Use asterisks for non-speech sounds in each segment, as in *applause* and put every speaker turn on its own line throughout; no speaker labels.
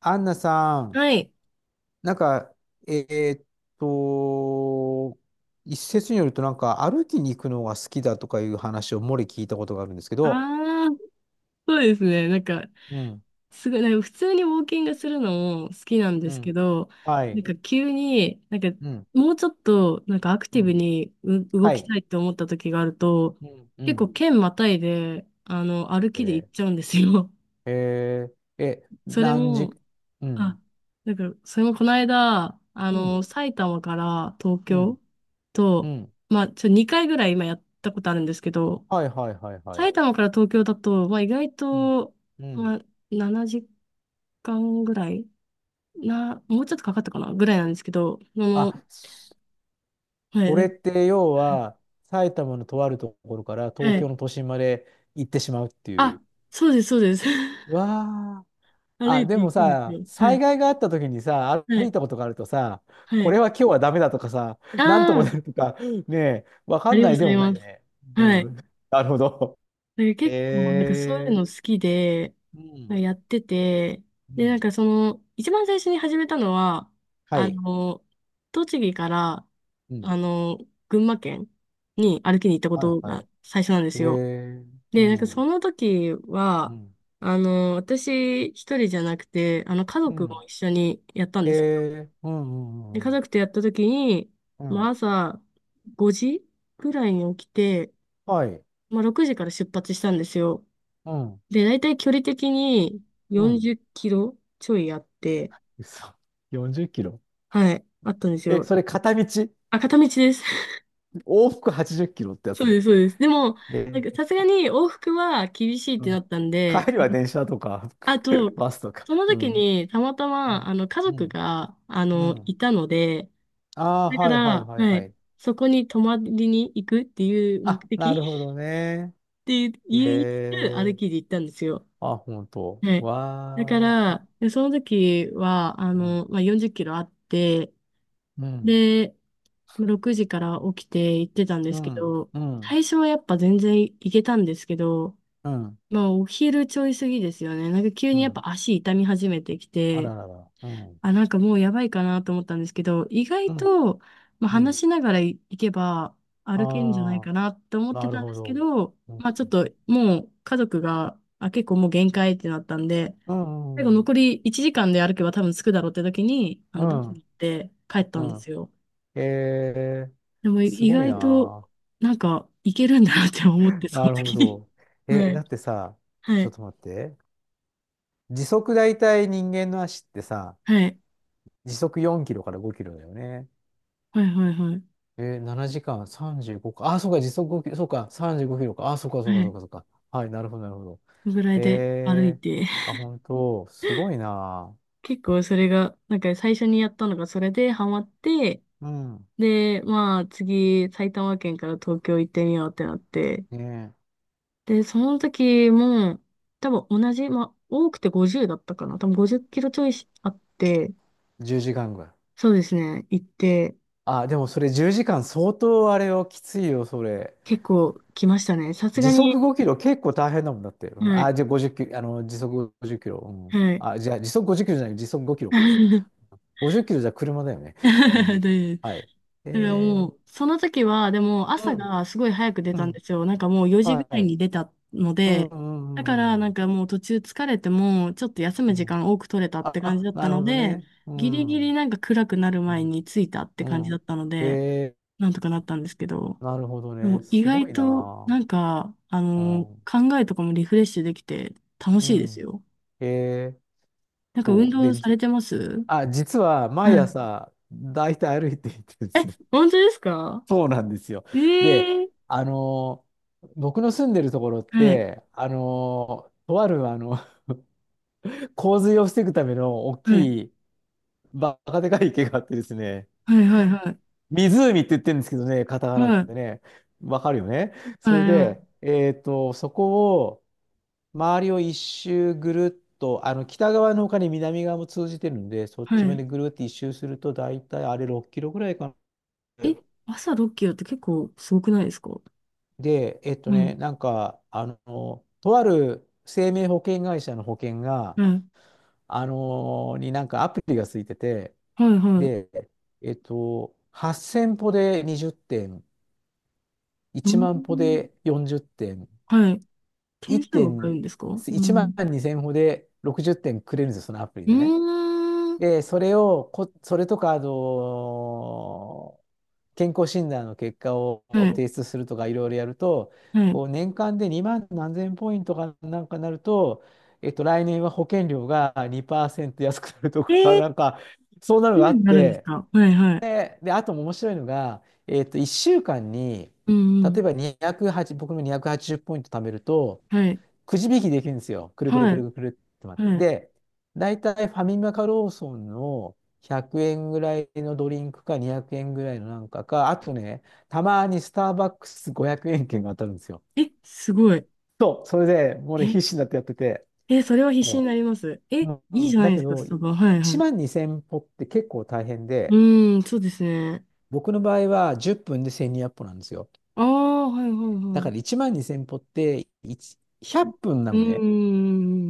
アンナさん、
はい。
なんか、えーっと、一説によると、なんか、歩きに行くのが好きだとかいう話を漏れ聞いたことがあるんですけど。
ああ、そうですね。
うん、
すごい、なんか普通にウォーキングするのも好きなんで
う
すけ
ん、
ど、
はい、
急に、
うん、
もうちょっと、アク
う
ティブ
ん、
に動
は
き
い、
たいって思った時があると、
うん、う
結構
ん。
県またいで、歩きで行っ
で、
ちゃうんですよ。
ええ、
*laughs* それ
何時。
も、
う
あ、
ん、
それもこの間、
うん、
埼玉から東
うん、
京
う
と、
ん、
2回ぐらい今やったことあるんですけど、
はい、はい、はい、はい、
埼玉から東京だと、意外
うん、
と、
う
ま
ん。
あ、7時間ぐらいもうちょっとかかったかなぐらいなんですけど、
あ、そ
は
それ
い、
って要は、埼玉のとあるところから東
は
京
い。
の都心まで行ってしまうってい
あ、
う。
そうです、そうです。*laughs*
わあ。
歩
あ、
い
で
てい
も
くんです
さ、
よ。は
災
い、
害があった時にさ、
は
歩
い、
いたことがあるとさ、
は
これ
い。
は今日はダメだとかさ、なんと
あ
かな
あ、
るとか、ねえ、わ
あ
かん
りが
な
とう
い
ご
で
ざ
も
い
な
ま
い
す。
ね。
は
う
い。
ん。なるほど。
結構、そういう
え
の
ー。
好きで、
うん。
やってて、
う
で、
ん。
その、一番最初に始めたのは、
は
あ
い。
の、栃木から、
うん。
あの、群馬県に歩きに行ったこ
はい、
と
は
が
い。
最初なんで
え
すよ。
ー。う
で、そ
ん。
の時
う
は、
ん。
私一人じゃなくて、家
う
族
ん。
も一緒にやったん
え
です。
ー。う
で、
ん、うん、う
家
ん。
族とやった時に、
うん。う
まあ
ん
朝5時ぐらいに起きて、
はい。
まあ6時から出発したんですよ。
うん。
で、大体距離的に
うん。
40キロちょいあって、
嘘。40キロ。
はい、あったんです
え、
よ。
それ片道、
あ、片道です。
往復80キロって
*laughs*
や
そ
つ
う
ね。
です、そうです。でも、
え
さすがに往復は厳しいっ
う
て
ん、
なったんで、
帰り
あ
は電車とか
あと、
*laughs* バスとか。
その
う
時
ん。
にたまた
う
ま、
ん。
家
う
族
ん。
が、
うん
いたので、
ああ、
だか
はいはい
ら、
はい
は
は
い、
い。
そこに泊まりに行くっていう目
あ、
的
なるほどね。
*laughs* っていう、
へ
言いつつ
え。
歩きで行ったんですよ。
あ、ほんと。
はい。だか
わあ。
ら、でその時は、
うん。
40キロあって、
うん。
で、6時から起きて行ってたんで
う
すけ
ん。
ど、
うん。
最初はやっぱ全然行けたんですけど、
うん。
まあお昼ちょい過ぎですよね。急
う
にやっ
ん
ぱ足痛み始めてき
あ
て、
ららら。うん。
あ、もうやばいかなと思ったんですけど、意
う
外
ん。
と、
うん。
話しながら行けば歩けるんじゃない
ああ、
かなと思って
なる
たんで
ほ
すけ
ど。
ど、
う
まあちょ
ん。
っともう家族が、あ、結構もう限界ってなったんで、
う
最
ん。
後
うん。
残り1時間で歩けば多分着くだろうって時に、あ
う
のバスに
ん。
行って帰っ
う
たんで
ん
すよ。
へえ。
でも
す
意
ごい
外と
な。
いけるんだなって思って、そ
な
の
るほ
時に。
ど。え、
は
だ
い。
ってさ、
は
ちょっ
い。
と待って。時速大体人間の足ってさ、
はい。
時速4キロから5キロだよね。
はい。はい。はい。
え、7時間35か。あ、そうか、時速5キロ、そうか、35キロか。あ、そうか、そう
は
か、そう
い。
か、そうか。はい、なるほど、なるほど。
そのぐらいで歩い
え
て。
あ、本当、すごいな。
結構それが、最初にやったのがそれでハマって、
うん。
で、まあ次埼玉県から東京行ってみようってなって。
ね
で、その時も多分同じ、まあ多くて50だったかな。多分50キロちょいあって、
え、10時間ぐらい。
そうですね、行って
あ、でもそれ10時間相当あれよ、きついよ、それ。
結構来ましたね。さす
時
がに、
速5キロ結構大変だもんだって。うん、
はい。
あ、じゃあ50キロ、時速50キロ。うん。
はい
あ、じゃあ時速50キロじゃない、時速5キロか。
*laughs*
50キロじゃ車だよね。うん。
で、だ
はい。
から
え
も
ー、
う、その時は、でも
う
朝
ん、
がすごい早く出
う
たんで
ん。
すよ。もう4時ぐ
は
らい
い。
に出たの
うん、
で、
う
だから
ん、うん。
もう途中疲れても、ちょっと休
う
む時
ん
間多く取れたっ
あ、
て感じだっ
な
た
るほ
の
ど
で、
ね。う
ギリギ
ん。
リ
う
暗くなる前
ん。
に着いたって
う
感じだ
ん
ったので、
え
なんとかなったんですけど、
なるほど
で
ね。
も意
すご
外
いな
と
あうん。
考えとかもリフレッシュできて楽
う
しいです
ん。
よ。
えー、
なんか運
そう。
動
で、
されてます
あ、実は
は
毎
い。
朝、だいたい歩いていてで
え、
すね。
本当ですか
そうなんですよ。で、
ええ
あのー僕の住んでるところっ
はい、
て、とあるあの *laughs* 洪水を防ぐための大
はい、
きいバカでかい池があってですね、
はい、はい、はい、
湖って言ってるんですけどね、カタカナ
はい、
でね、わかるよね。そ
は
れ
い、は
で、
い。
そこを、周りを一周ぐるっと、あの北側の他に南側も通じてるんで、そっ
は
ちまで
い
ぐるっと一周すると、大体あれ6キロぐらいかな。
え、朝ッキロって結構すごくないですかは
で、
い、
なんか、とある生命保険会社の保険が、
はい、
になんかアプリがついてて、
はい、はい。
で、8000歩で20点、
うー
1万歩
ん、
で40点、
はい。
1
点数わか
点、
るんですかう
1
ん。
万2000歩で60点くれるんですよ、そのアプリ
う
でね。
ーん。
で、それをそれとか、健康診断の結果を
はい、
提出するとか、いろいろやると、
はい。
こう年間で2万何千ポイントかなんかなると、来年は保険料が2%安くなると
え
か、*laughs*
ー、
なんか、そんな
う
のがあっ
んなるんです
て、
かはい、はい。
で、あと面白いのが、1週間に、
うん、う
例えば
ん。
208、僕の280ポイント貯めると、
はい、
くじ引きできるんですよ。くるくるく
はい、
るくるって回って。
は
で、大体ファミマかローソンの100円ぐらいのドリンクか200円ぐらいのなんかか、あとね、たまにスターバックス500円券が当たるんですよ。
い。え、すごい。
そう、それでもうね、必
え、
死になってやってて。
え、それは必死に
そ
なります。え、い
うう
い
ん、
じゃない
だ
で
け
すか、
ど、
スタバ。はい、は
1
い。
万2000歩って結構大変
う
で、
ーん、そうですね。
僕の場合は10分で1200歩なんですよ。
ああ、はい、はい、
だ
は
から
い。
1万2000歩って100分な
うー
のね。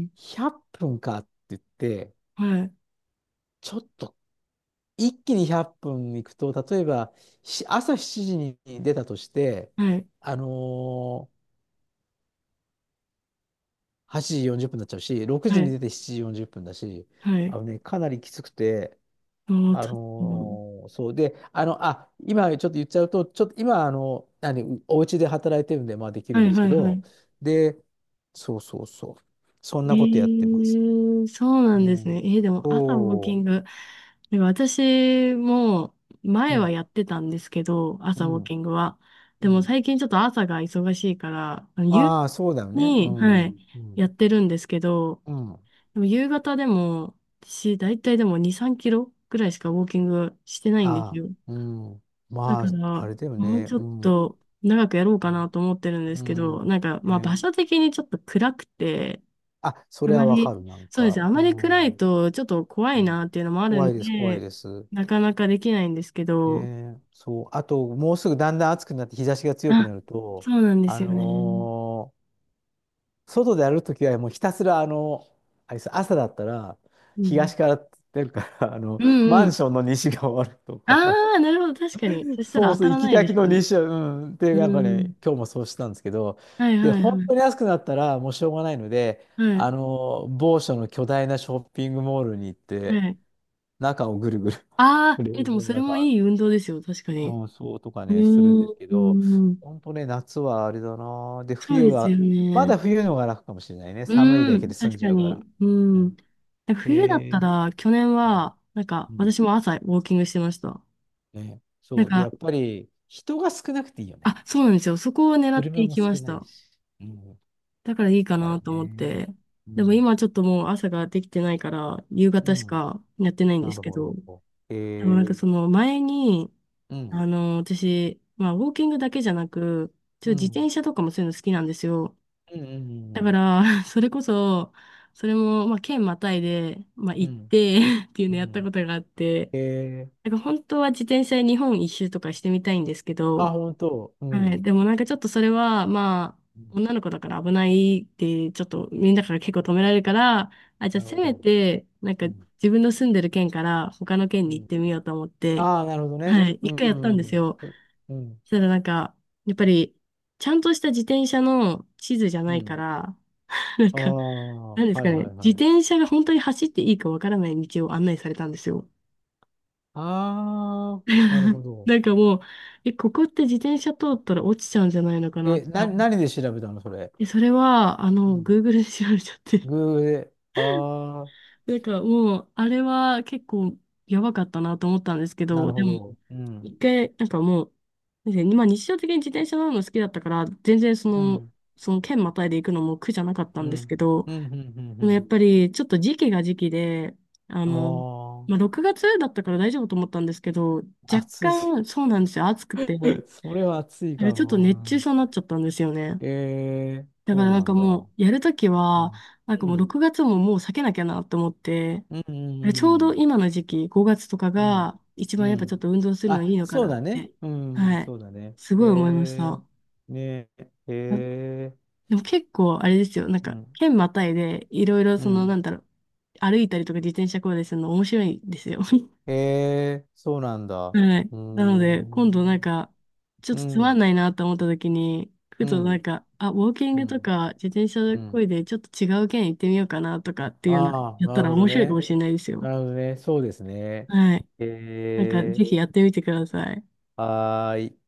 ん。
100分かって言って、
はい、
ちょっと一気に100分行くと、例えば、朝7時に出たとして、
はい、
あのー8時40分になっちゃうし、6時
は
に
い、
出て7時40分だし、
は
あ
い。
のね、かなりきつくて、
もうちょっともう、
そうで、あ、今ちょっと言っちゃうと、ちょっと今、何、お家で働いてるんで、まあできる
は
んで
い、
すけ
はい、は
ど、
い。
で、そうそうそう。そん
え
なことやってます。
ー、そうな
う
んですね。
ん。
えー、でも朝ウォー
お
キ
ー、
ング、でも私も
う
前は
ん、
やってたんですけど、
う
朝ウォー
ん、
キングは。
う
でも
ん。
最近ちょっと朝が忙しいから、夕
ああ、そうだよね。う
に、は
ん、
い、
う
や
ん、
ってるんですけど、
うん。
でも夕方でも、私、だいたいでも2、3キロぐらいしかウォーキングしてないんで
あ
す
あ、
よ。
うん。
だ
ま
か
あ、あ
ら、
れだよ
もう
ね。
ちょ
う
っ
ん。
と長くやろうかなと思ってるんで
う
すけど、
ん。
まあ場
ね。
所的にちょっと暗くて、
あ、そ
あ
れは
ま
わ
り、
かる、なん
そうです
か。
ね、あ
う
まり暗
ん。う
いとちょっと怖い
ん、
なっていうのもある
怖
ん
いです、怖い
で、
です。
なかなかできないんですけど、
ね。そう。あと、もうすぐだんだん暑くなって日差しが強く
あ、
なると、
そうなんで
あ
すよね。
のー外で歩くときはもうひたすら、あれです朝だったら、
うん。
東から出るから、
うんう
マン
ん。
ションの西が終わるとか。
ああ、なるほど、確かに。そした
そ
ら
う
当
そ
た
う、
ら
行き
ない
が
で
き
す
の
よ
2
ね。
週、うん。で、
う
なんかね、
ん。
今日もそうしたんですけど、
はい
で、
はい
本
はい。
当に安くなったらもうしょうがないので、
はい。
某所の巨大なショッピングモールに行っ
は
て、
い。
中をぐるぐる、*laughs*
ああ、
冷
え、でも
房の
それ
中
も
を
いい運動ですよ、確かに。
うん、そうとか
うー
ね、するんですけど、
ん。
本当ね、夏はあれだな。で、
そう
冬
ですよ
は、ま
ね。
だ冬の方が楽かもしれないね。寒い
う
だけ
ん、
で済ん
確
じ
か
ゃうか
に。
ら。
う
う
ん。
ん。
で冬だっ
へ
た
え。
ら、去年は、
うん。
私も朝ウォーキングしてました。
ね、
なん
そう。で、や
か、
っぱり、人が少なくていいよね。
あ、そうなんですよ。そこを狙って
車
い
も
きま
少
し
ない
た。
し。うん
だからいいか
だよ
なと思っ
ね。
て。
う
でも
ん。
今ちょっともう朝ができてないから、夕
う
方し
ん。
かやってないんで
な
す
る
け
ほ
ど、
ど。え
でも
ー、
その前に、
うん。
私、まあ、ウォーキングだけじゃなく、ちょ
う
っと自
ん。
転車とかもそういうの好きなんですよ。
うん。う
だか
ん
ら、*laughs* それこそ、それも、まあ、県またいで、まあ、
う
行っ
ん。
て *laughs* っていう
う
のやったこ
ん。
とがあって、
えー、
本当は自転車で日本一周とかしてみたいんですけ
あ、
ど、
本当。う
はい、
ん。
でもちょっとそれは、
うん。
女の子だから危ないって、ちょっとみんなから結構止められるから、あ、じゃあ
なる
せ
ほ
め
ど。
て、
うん。
自分の住んでる県から他の県
う
に行
ん。
ってみようと思って、
ああ、なるほどね。
はい、
う
一回やったんで
ん。
す
うん。
よ。
そうん。
そしたらやっぱり、ちゃんとした自転車の地図じゃ
う
ないか
ん。
ら、*laughs* なん
あ
か、
あ、は
なんです
い
かね、
はい
自
はい。
転車が本当に走っていいかわからない道を案内されたんですよ。
ああ、なるほ
*laughs*
ど。
なんかもう、え、ここって自転車通ったら落ちちゃうんじゃないのかなっ
え、
て。
何で調べたのそれ。
え、それは、
うん。
Google で調べちゃって。
グーで。ああ、
*laughs* なんかもう、あれは結構やばかったなと思ったんですけ
な
ど、
る
で
ほ
も、
ど。うん。
一回、なんかもう、でまあ日常的に自転車乗るの好きだったから、全然そ
う
の、
ん。
その県またいで行くのも苦じゃなかった
う
んです
ん。
けど、
うん。うん。うん。う
でもやっ
ん。
ぱりちょっと時期が時期で、あ
あ
の、
あ、
6月だったから大丈夫と思ったんですけど、若
暑い。
干そうなんですよ、暑くて、ね、
*laughs* それは暑いか
ちょっと熱中
も。
症になっちゃったんですよね。
うん
だか
そ
ら
う
なん
な
か
んだ。
もう、やるとき
う
は、
ん。
なんか
う
もう
ん。
6月ももう避けなきゃなと思って、
う
あれちょうど
ん。
今の時期、5月とか
うん。
が一
うん。
番
う
やっぱちょっ
ん
と運動するのいい
あ、
のか
そう
なっ
だ
て、
ね。うん。
はい、
そうだね。
すごい思いまし
え
た。
ー、ねえ、
でも結構あれですよ、
うん。
県またいで、いろいろ
う
その、な
ん。
んだろう、歩いたりとか自転車こいでするの面白いんですよ。*laughs*
えー、そうなんだ。う
はい。
ー
なので、今度
ん。
ちょっ
う
とつまん
ん。
ないなと思った時に、ふ
う
と
ん。
あ、ウォーキン
う
グと
ん。
か自転車
う
こ
ん。
いで、ちょっと違う県行ってみようかなとかっていうの
ああ、
やった
なる
ら
ほど
面白いかも
ね。
しれないです
な
よ。
るほどね。そうですね。
はい。
え
ぜひやってみてください。
ー、はーい。